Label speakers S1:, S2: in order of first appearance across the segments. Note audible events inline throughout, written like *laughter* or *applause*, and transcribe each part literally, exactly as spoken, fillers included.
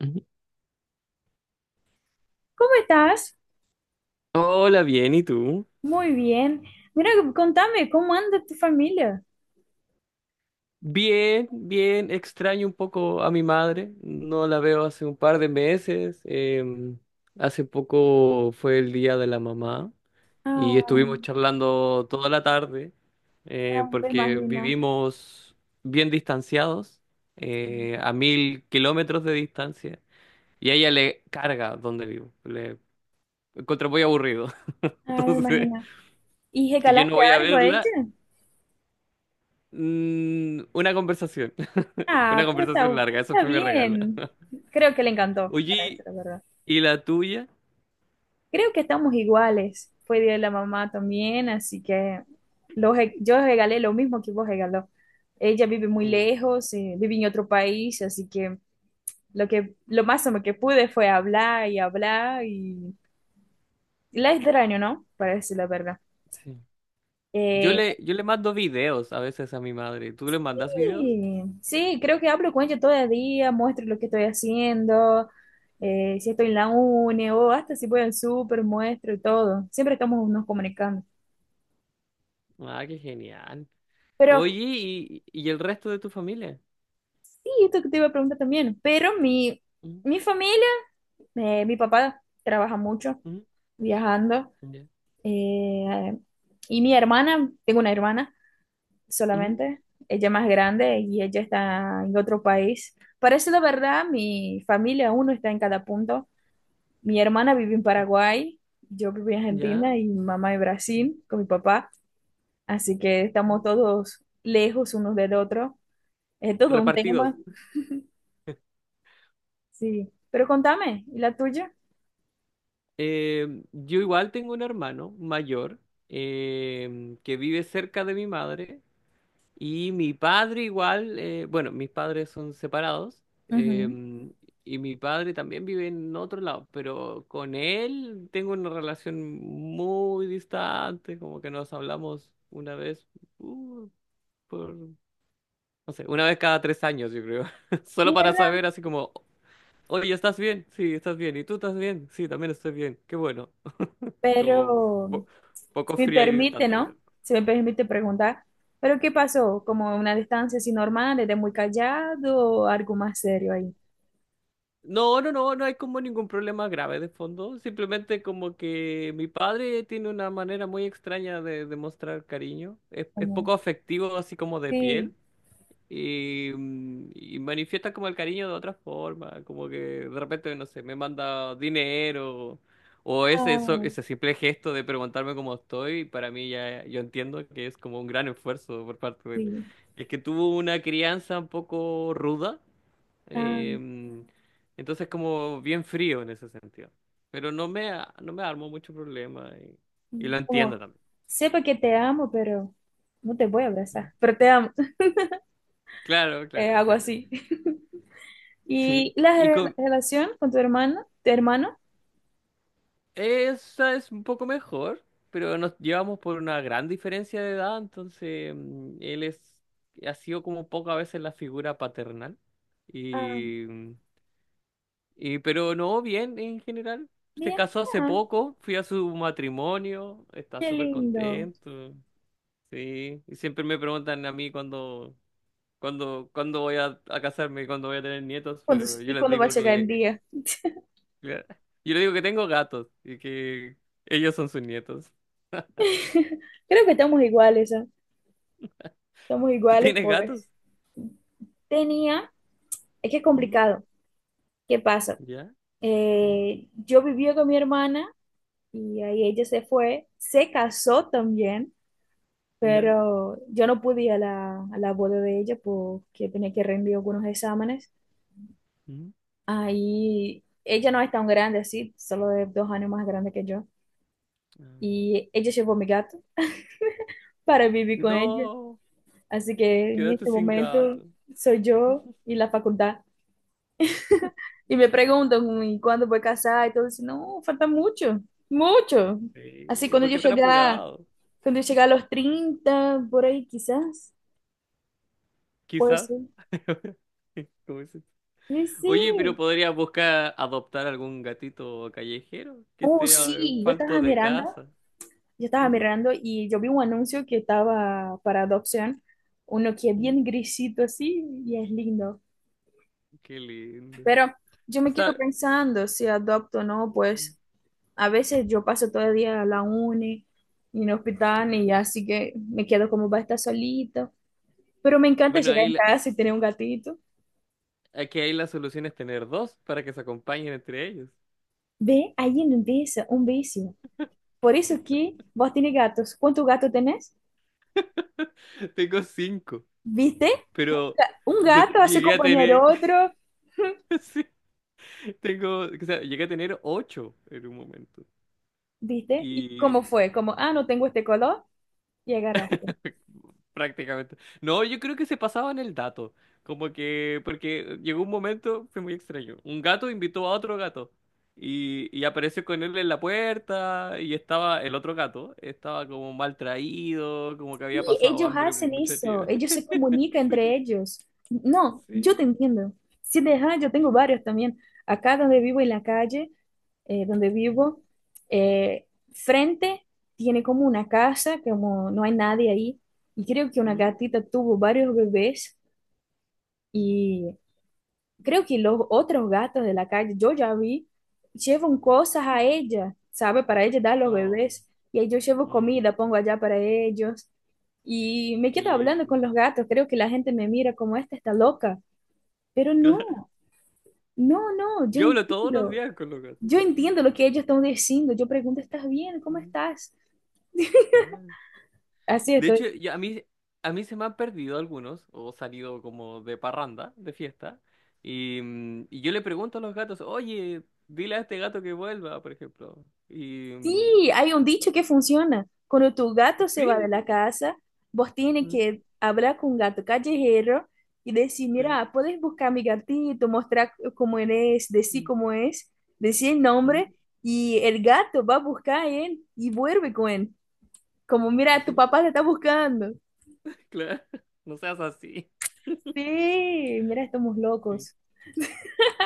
S1: Ujú.
S2: ¿Cómo estás?
S1: Hola, bien, ¿y tú?
S2: Muy bien. Mira, contame, ¿cómo anda tu familia?
S1: Bien, bien, extraño un poco a mi madre, no la veo hace un par de meses, em, hace poco fue el día de la mamá y
S2: Ah,
S1: estuvimos charlando toda la tarde, eh,
S2: ah, me
S1: porque
S2: imagino,
S1: vivimos bien distanciados, eh, a mil kilómetros de distancia. Y a ella le carga donde vivo, le encuentro muy aburrido, *laughs*
S2: ah, me
S1: entonces
S2: imagino. ¿Y
S1: si yo no
S2: regalaste
S1: voy a
S2: algo a ella?
S1: verla, mm, una conversación. Una
S2: Ah, pero
S1: conversación
S2: está,
S1: larga, eso
S2: está
S1: fue mi regalo.
S2: bien. Creo que le encantó, para
S1: Oye,
S2: decir la verdad.
S1: ¿y la tuya?
S2: Creo que estamos iguales. Fue día de la mamá también, así que lo re- yo regalé lo mismo que vos regaló. Ella vive muy
S1: Mm,
S2: lejos, eh, vive en otro país, así que lo que lo máximo que pude fue hablar y hablar. La es del año, ¿no? Para decir la verdad.
S1: sí. Yo
S2: Eh,
S1: le, yo le mando videos a veces a mi madre. ¿Tú le mandas videos?
S2: sí, sí, creo que hablo con ella todo el día, muestro lo que estoy haciendo, eh, si estoy en la uni o hasta si voy al súper, muestro y todo. Siempre estamos nos comunicando.
S1: Ah, qué genial.
S2: Pero,
S1: Oye, ¿y, y el resto de tu familia?
S2: sí, esto que te iba a preguntar también, pero mi,
S1: Mm,
S2: mi familia, eh, mi papá trabaja mucho
S1: mm,
S2: viajando,
S1: ya.
S2: eh, y mi hermana, tengo una hermana
S1: Mm,
S2: solamente. Ella más grande y ella está en otro país. Parece la verdad, mi familia, uno está en cada punto. Mi hermana vive en Paraguay, yo vivo en
S1: ya,
S2: Argentina y mi mamá en
S1: mm,
S2: Brasil con mi papá. Así que estamos
S1: mm.
S2: todos lejos unos del otro. Es todo un
S1: Repartidos.
S2: tema, sí. Pero contame, ¿y la tuya?
S1: Eh, yo igual tengo un hermano mayor, eh, que vive cerca de mi madre. Y mi padre igual, eh, bueno, mis padres son separados, eh,
S2: Ujú.
S1: y mi padre también vive en otro lado, pero con él tengo una relación muy distante, como que nos hablamos una vez, uh, por, no sé, una vez cada tres años, yo creo, *laughs* solo para
S2: Mierda,
S1: saber así como, oye, ¿estás bien? Sí, estás bien, ¿y tú estás bien? Sí, también estoy bien, qué bueno, como
S2: pero
S1: po-
S2: si
S1: poco
S2: me
S1: fría y
S2: permite,
S1: distante.
S2: ¿no? Se me permite preguntar, ¿pero qué pasó? ¿Como una distancia así normal, era muy callado o algo más serio ahí?
S1: No, no, no, no hay como ningún problema grave de fondo. Simplemente como que mi padre tiene una manera muy extraña de, de mostrar cariño. Es, es
S2: Como,
S1: poco afectivo, así como de piel.
S2: sí,
S1: Y, mm, y manifiesta como el cariño de otra forma. Como que de repente, no sé, me manda dinero. O ese, eso-
S2: ah,
S1: ese simple gesto de preguntarme cómo estoy, para mí ya yo entiendo que es como un gran esfuerzo por parte de él.
S2: sí,
S1: Es que tuvo una crianza un poco ruda.
S2: ah,
S1: Em, entonces como bien frío en ese sentido. Pero no me, a- no me armo mucho problema y, y lo
S2: sí.
S1: entiendo
S2: Como,
S1: también.
S2: sepa que te amo, pero no te voy a abrazar, pero te amo. *laughs*
S1: Claro,
S2: Eh,
S1: claro,
S2: algo
S1: claro.
S2: así. *laughs*
S1: Sí.
S2: ¿Y la
S1: Y
S2: re-
S1: con
S2: relación con tu hermano, tu hermano?
S1: esa es un poco mejor, pero nos llevamos por una gran diferencia de edad, entonces mm, él es, ha sido como pocas veces la figura paternal.
S2: Ah,
S1: Y, em, y pero no, bien en general. Se
S2: bien,
S1: casó hace
S2: ah,
S1: poco, fui a su matrimonio, está
S2: qué
S1: súper
S2: lindo.
S1: contento. Sí, y siempre me preguntan a mí cuándo, cuándo, cuándo voy a, a casarme, cuándo voy a tener nietos,
S2: ¿Cuándo,
S1: pero yo les
S2: cuándo va a
S1: digo
S2: llegar el
S1: que,
S2: día?
S1: yo les digo que tengo gatos y que ellos son sus nietos.
S2: *laughs* Creo que estamos iguales, ¿eh? Estamos
S1: ¿Tú
S2: iguales,
S1: tienes gatos?
S2: pobres. Tenía, es que es
S1: Mm,
S2: complicado. ¿Qué pasa?
S1: ¿ya? Mm,
S2: Eh, yo vivía con mi hermana y ahí ella se fue, se casó también,
S1: ¿ya?
S2: pero yo no pude ir a la, a la boda de ella porque tenía que rendir algunos exámenes.
S1: Mm.
S2: Ahí ella no es tan grande así, solo es dos años más grande que yo.
S1: Ah.
S2: Y ella llevó a mi gato para vivir con ella.
S1: No,
S2: Así que en
S1: quedaste
S2: este
S1: sin
S2: momento
S1: gato.
S2: soy yo y la facultad. Y me preguntan, ¿y cuándo voy a casar? Y todo eso, no, falta mucho, mucho.
S1: Sí,
S2: Así,
S1: ¿y
S2: cuando
S1: por
S2: yo
S1: qué tan
S2: llegar,
S1: apurado?
S2: cuando yo llegar a los treinta por ahí quizás, puede
S1: Quizás.
S2: ser.
S1: *laughs* ¿Cómo dices?
S2: Sí,
S1: Oye, pero
S2: sí.
S1: podrías buscar adoptar algún gatito callejero que
S2: Oh,
S1: esté, eh,
S2: sí, yo
S1: falto
S2: estaba
S1: de
S2: mirando,
S1: casa.
S2: yo estaba
S1: *laughs*
S2: mirando y yo vi un anuncio que estaba para adopción, uno que es
S1: Mm,
S2: bien grisito así y es lindo.
S1: qué lindo.
S2: Pero yo me quedo
S1: Está.
S2: pensando si adopto o no, pues a veces yo paso todo el día a la uni y en el hospital y
S1: Ah.
S2: así que me quedo como va a estar solita. Pero me encanta
S1: Bueno,
S2: llegar
S1: ahí
S2: en
S1: la-
S2: casa y tener un gatito.
S1: aquí hay, la solución es tener dos para que se acompañen entre ellos.
S2: Ve, ahí empieza un vicio. Por eso que vos tenés gatos. ¿Cuántos gatos tenés?
S1: *laughs* Tengo cinco,
S2: ¿Viste? Un,
S1: pero
S2: ga- un
S1: yo
S2: gato hace
S1: llegué a
S2: compañía al
S1: tener,
S2: otro,
S1: *laughs* sí, tengo, o sea, llegué a tener ocho en un momento.
S2: ¿viste? ¿Y
S1: Y
S2: cómo fue? Como, ah, no tengo este color y agarraste.
S1: *laughs* prácticamente. No, yo creo que se pasaban el dato. Como que, porque llegó un momento, fue muy extraño. Un gato invitó a otro gato y, y apareció con él en la puerta, y estaba el otro gato, estaba como mal traído, como que
S2: Sí,
S1: había pasado
S2: ellos
S1: hambre por
S2: hacen
S1: mucho
S2: eso,
S1: tiempo.
S2: ellos se
S1: *laughs*
S2: comunican
S1: Sí,
S2: entre ellos. No, yo te
S1: sí.
S2: entiendo. Si deja, yo tengo varios también. Acá donde vivo en la calle, eh, donde
S1: Mm,
S2: vivo, eh, frente tiene como una casa, como no hay nadie ahí, y creo que una
S1: mm.
S2: gatita tuvo varios bebés.
S1: Mm.
S2: Creo que los otros gatos de la calle, yo ya vi, llevan cosas a ella, ¿sabe? Para ella dar a los
S1: Oh,
S2: bebés. Y ahí yo llevo
S1: mm,
S2: comida, pongo allá para ellos. Y me
S1: qué
S2: quedo hablando con
S1: lindo.
S2: los gatos. Creo que la gente me mira como esta está loca. Pero
S1: *laughs*
S2: no, no, no, yo
S1: Yo hablo todos los
S2: entiendo.
S1: días con los gatos.
S2: Yo
S1: Mm,
S2: entiendo lo que ellos están diciendo. Yo pregunto, ¿estás bien? ¿Cómo
S1: mm.
S2: estás?
S1: Ya.
S2: Así
S1: De hecho,
S2: estoy.
S1: ya a mí, a mí se me han perdido algunos, o salido como de parranda, de fiesta, y, mm, y yo le pregunto a los gatos, oye, dile a este gato que vuelva, por ejemplo. Y mm,
S2: Sí, hay un dicho que funciona. Cuando tu gato se va de
S1: sí,
S2: la casa, vos tienes
S1: mm,
S2: que hablar con un gato callejero y decir,
S1: sí,
S2: mira, puedes buscar a mi gatito, mostrar cómo él es, decir
S1: mm,
S2: cómo es, decir el
S1: mm,
S2: nombre y el gato va a buscar a él y vuelve con él. Como, mira, tu
S1: sí,
S2: papá te está buscando.
S1: *laughs* claro, no seas así.
S2: Sí, mira, estamos
S1: Sí.
S2: locos.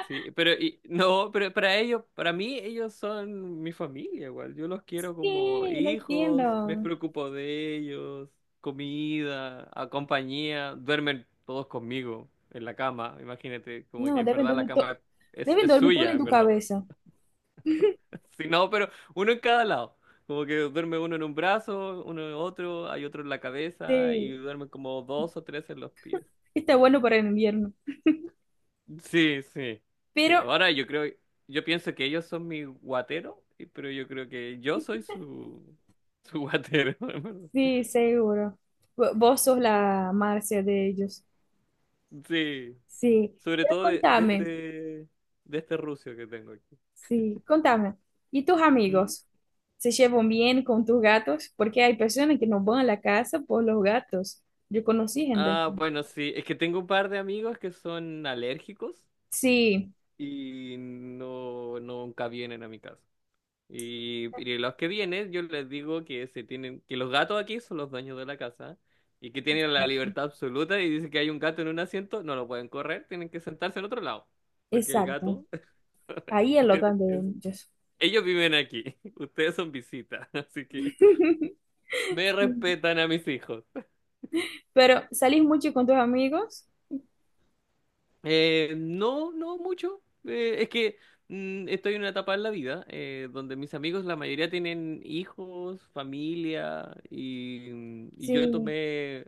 S1: Sí, pero y- no, pero para ellos, para mí ellos son mi familia igual. Yo los quiero como
S2: Sí, lo
S1: hijos, me
S2: entiendo.
S1: preocupo de ellos, comida, a compañía, duermen todos conmigo en la cama. Imagínate, como
S2: No,
S1: que en
S2: deben
S1: verdad la
S2: dormir, to-
S1: cama es,
S2: deben
S1: es
S2: dormir todo
S1: suya,
S2: en
S1: en
S2: tu
S1: verdad.
S2: cabeza.
S1: *laughs* Si no, pero uno en cada lado. Como que duerme uno en un brazo, uno en otro, hay otro en la cabeza y
S2: Sí,
S1: duermen como dos o tres en los pies.
S2: está bueno para el invierno.
S1: Sí, sí, sí.
S2: Pero
S1: Ahora yo creo, yo pienso que ellos son mi guatero, y- pero yo creo que yo soy su, su guatero, *laughs* en verdad.
S2: sí, seguro. Vo- Vos sos la Marcia de ellos.
S1: Sí,
S2: Sí.
S1: sobre
S2: Pero
S1: todo de, de
S2: contame,
S1: este, de este rucio que tengo aquí.
S2: sí, contame. ¿Y tus
S1: ¿Mm?
S2: amigos? ¿Se llevan bien con tus gatos? Porque hay personas que no van a la casa por los gatos. Yo conocí gente
S1: Ah,
S2: así.
S1: bueno, sí, es que tengo un par de amigos que son alérgicos
S2: Sí,
S1: y no, nunca vienen a mi casa. Y, y los que vienen, yo les digo que se tienen, que los gatos aquí son los dueños de la casa y que tienen la
S2: exacto.
S1: libertad absoluta, y dicen que hay un gato en un asiento, no lo pueden correr, tienen que sentarse en otro lado, porque el
S2: Exacto.
S1: gato,
S2: Ahí es lo que de
S1: *laughs*
S2: ellos.
S1: ellos viven aquí, *laughs* ustedes son visitas, *laughs* así que
S2: *laughs*
S1: me
S2: Sí.
S1: respetan a mis hijos.
S2: Pero, ¿salís mucho con tus amigos?
S1: Eh, no, no mucho. Eh, es que mm, estoy en una etapa en la vida, eh, donde mis amigos, la mayoría tienen hijos, familia, y, mm, y yo
S2: Sí.
S1: tomé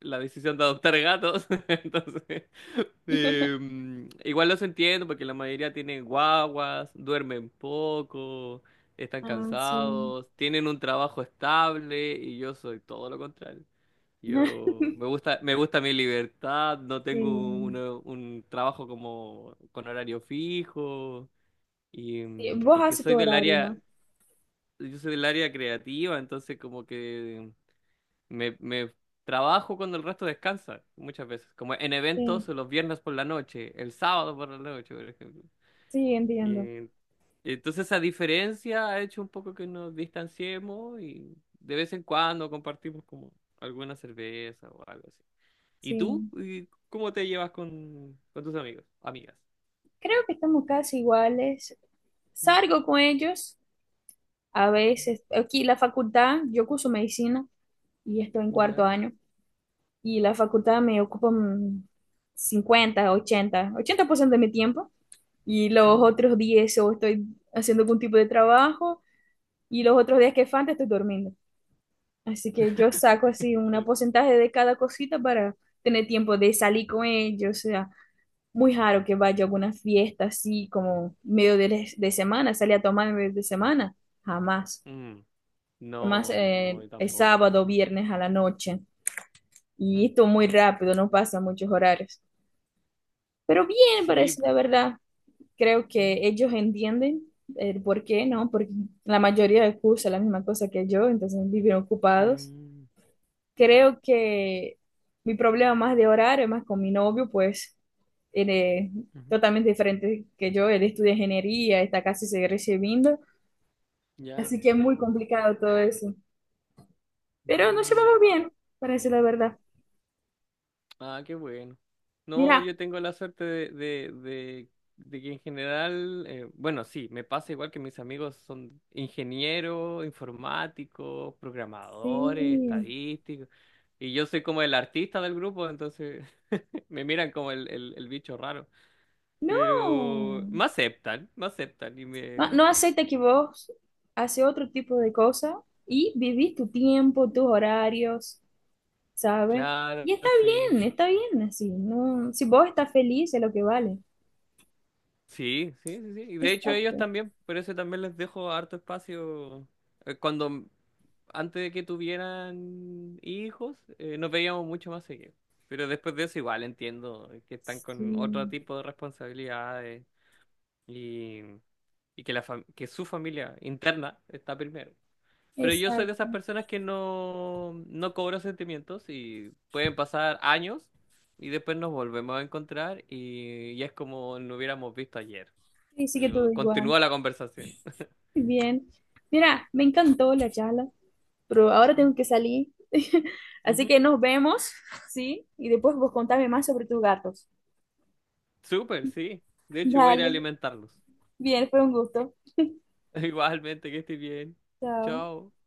S1: la decisión de adoptar gatos. *laughs* Entonces, eh,
S2: *laughs*
S1: mm, igual los entiendo porque la mayoría tienen guaguas, duermen poco, están
S2: Ah, sí.
S1: cansados, tienen un trabajo estable, y yo soy todo lo contrario.
S2: *laughs*
S1: Yo me gusta, me gusta mi libertad, no tengo
S2: Sí.
S1: una- un trabajo como con horario fijo, y
S2: Sí,
S1: mm,
S2: vos
S1: porque
S2: haces tu
S1: soy del
S2: horario, ¿no?
S1: área, yo soy del área creativa. Entonces como que me, me trabajo cuando el resto descansa muchas veces, como en eventos
S2: Sí.
S1: los viernes por la noche, el sábado por la noche, por ejemplo.
S2: Sí, entiendo.
S1: Y entonces esa diferencia ha hecho un poco que nos distanciemos, y de vez en cuando compartimos como alguna cerveza o algo así. ¿Y tú?
S2: Sí.
S1: ¿Y cómo te llevas con, con tus amigos? Amigas.
S2: Creo que estamos casi iguales.
S1: Mm,
S2: Salgo con ellos a
S1: mm,
S2: veces. Aquí la facultad, yo curso medicina y estoy en cuarto
S1: ¿ya?
S2: año. Y la facultad me ocupa mm, cincuenta, ochenta ochenta por ciento de mi tiempo. Y los
S1: Mm.
S2: otros días o estoy haciendo algún tipo de trabajo. Y los otros días que falta estoy durmiendo. Así que yo saco así un
S1: *laughs*
S2: porcentaje de cada cosita para tener tiempo de salir con ellos, muy raro que vaya a alguna fiesta así como medio de, de semana, salir a tomar en medio de semana, jamás.
S1: Mm,
S2: Además,
S1: no, no,
S2: eh,
S1: yo
S2: es
S1: tampoco,
S2: sábado o
S1: sí.
S2: viernes a la noche y
S1: Mm,
S2: esto muy rápido, no pasa muchos horarios. Pero bien,
S1: sí,
S2: parece, la
S1: po.
S2: verdad. Creo
S1: Mm,
S2: que ellos entienden el por qué, ¿no? Porque la mayoría cursa la misma cosa que yo, entonces viven ocupados.
S1: mm, ah,
S2: Creo que mi problema más de horario, más con mi novio, pues él es
S1: ujú,
S2: totalmente diferente que yo. Él estudia ingeniería, está casi se recibiendo,
S1: ya.
S2: así que es muy complicado todo eso. Pero nos
S1: Mm.
S2: llevamos bien, para decir la verdad.
S1: Ah, qué bueno. No,
S2: Mira,
S1: yo tengo la suerte de, de, de, de que en general, eh, bueno, sí, me pasa igual que mis amigos son ingenieros, informáticos, programadores,
S2: sí,
S1: estadísticos, y yo soy como el artista del grupo, entonces *laughs* me miran como el, el, el bicho raro,
S2: no,
S1: pero me aceptan, me aceptan y
S2: no,
S1: me.
S2: no acepta que vos haces otro tipo de cosas y vivís tu tiempo, tus horarios, ¿sabes?
S1: Claro,
S2: Y está
S1: sí.
S2: bien, está bien así, ¿no? Si vos estás feliz es lo que vale.
S1: Sí, sí, sí, sí. Y de hecho ellos
S2: Exacto.
S1: también, por eso también les dejo harto espacio. Eh, Cuando, antes de que tuvieran hijos, eh, nos veíamos mucho más seguido. Pero después de eso igual entiendo que están con otro
S2: Sí,
S1: tipo de responsabilidades, y, y que, la fam- que su familia interna está primero. Pero yo soy de esas
S2: exacto.
S1: personas que no, no cobro sentimientos, y pueden pasar años y después nos volvemos a encontrar y, y es como no hubiéramos visto ayer.
S2: Sí, sí que todo
S1: Yo
S2: igual.
S1: continúo la conversación.
S2: Muy bien. Mira, me encantó la charla, pero ahora tengo
S1: Ujú,
S2: que salir. *laughs* Así
S1: ujú.
S2: que nos vemos, ¿sí? Y después vos contame más sobre tus gatos.
S1: Súper, sí. De hecho, voy a ir a
S2: Vale.
S1: alimentarlos.
S2: Bien, fue un gusto.
S1: *laughs* Igualmente, que estés bien.
S2: Chao.
S1: Chao.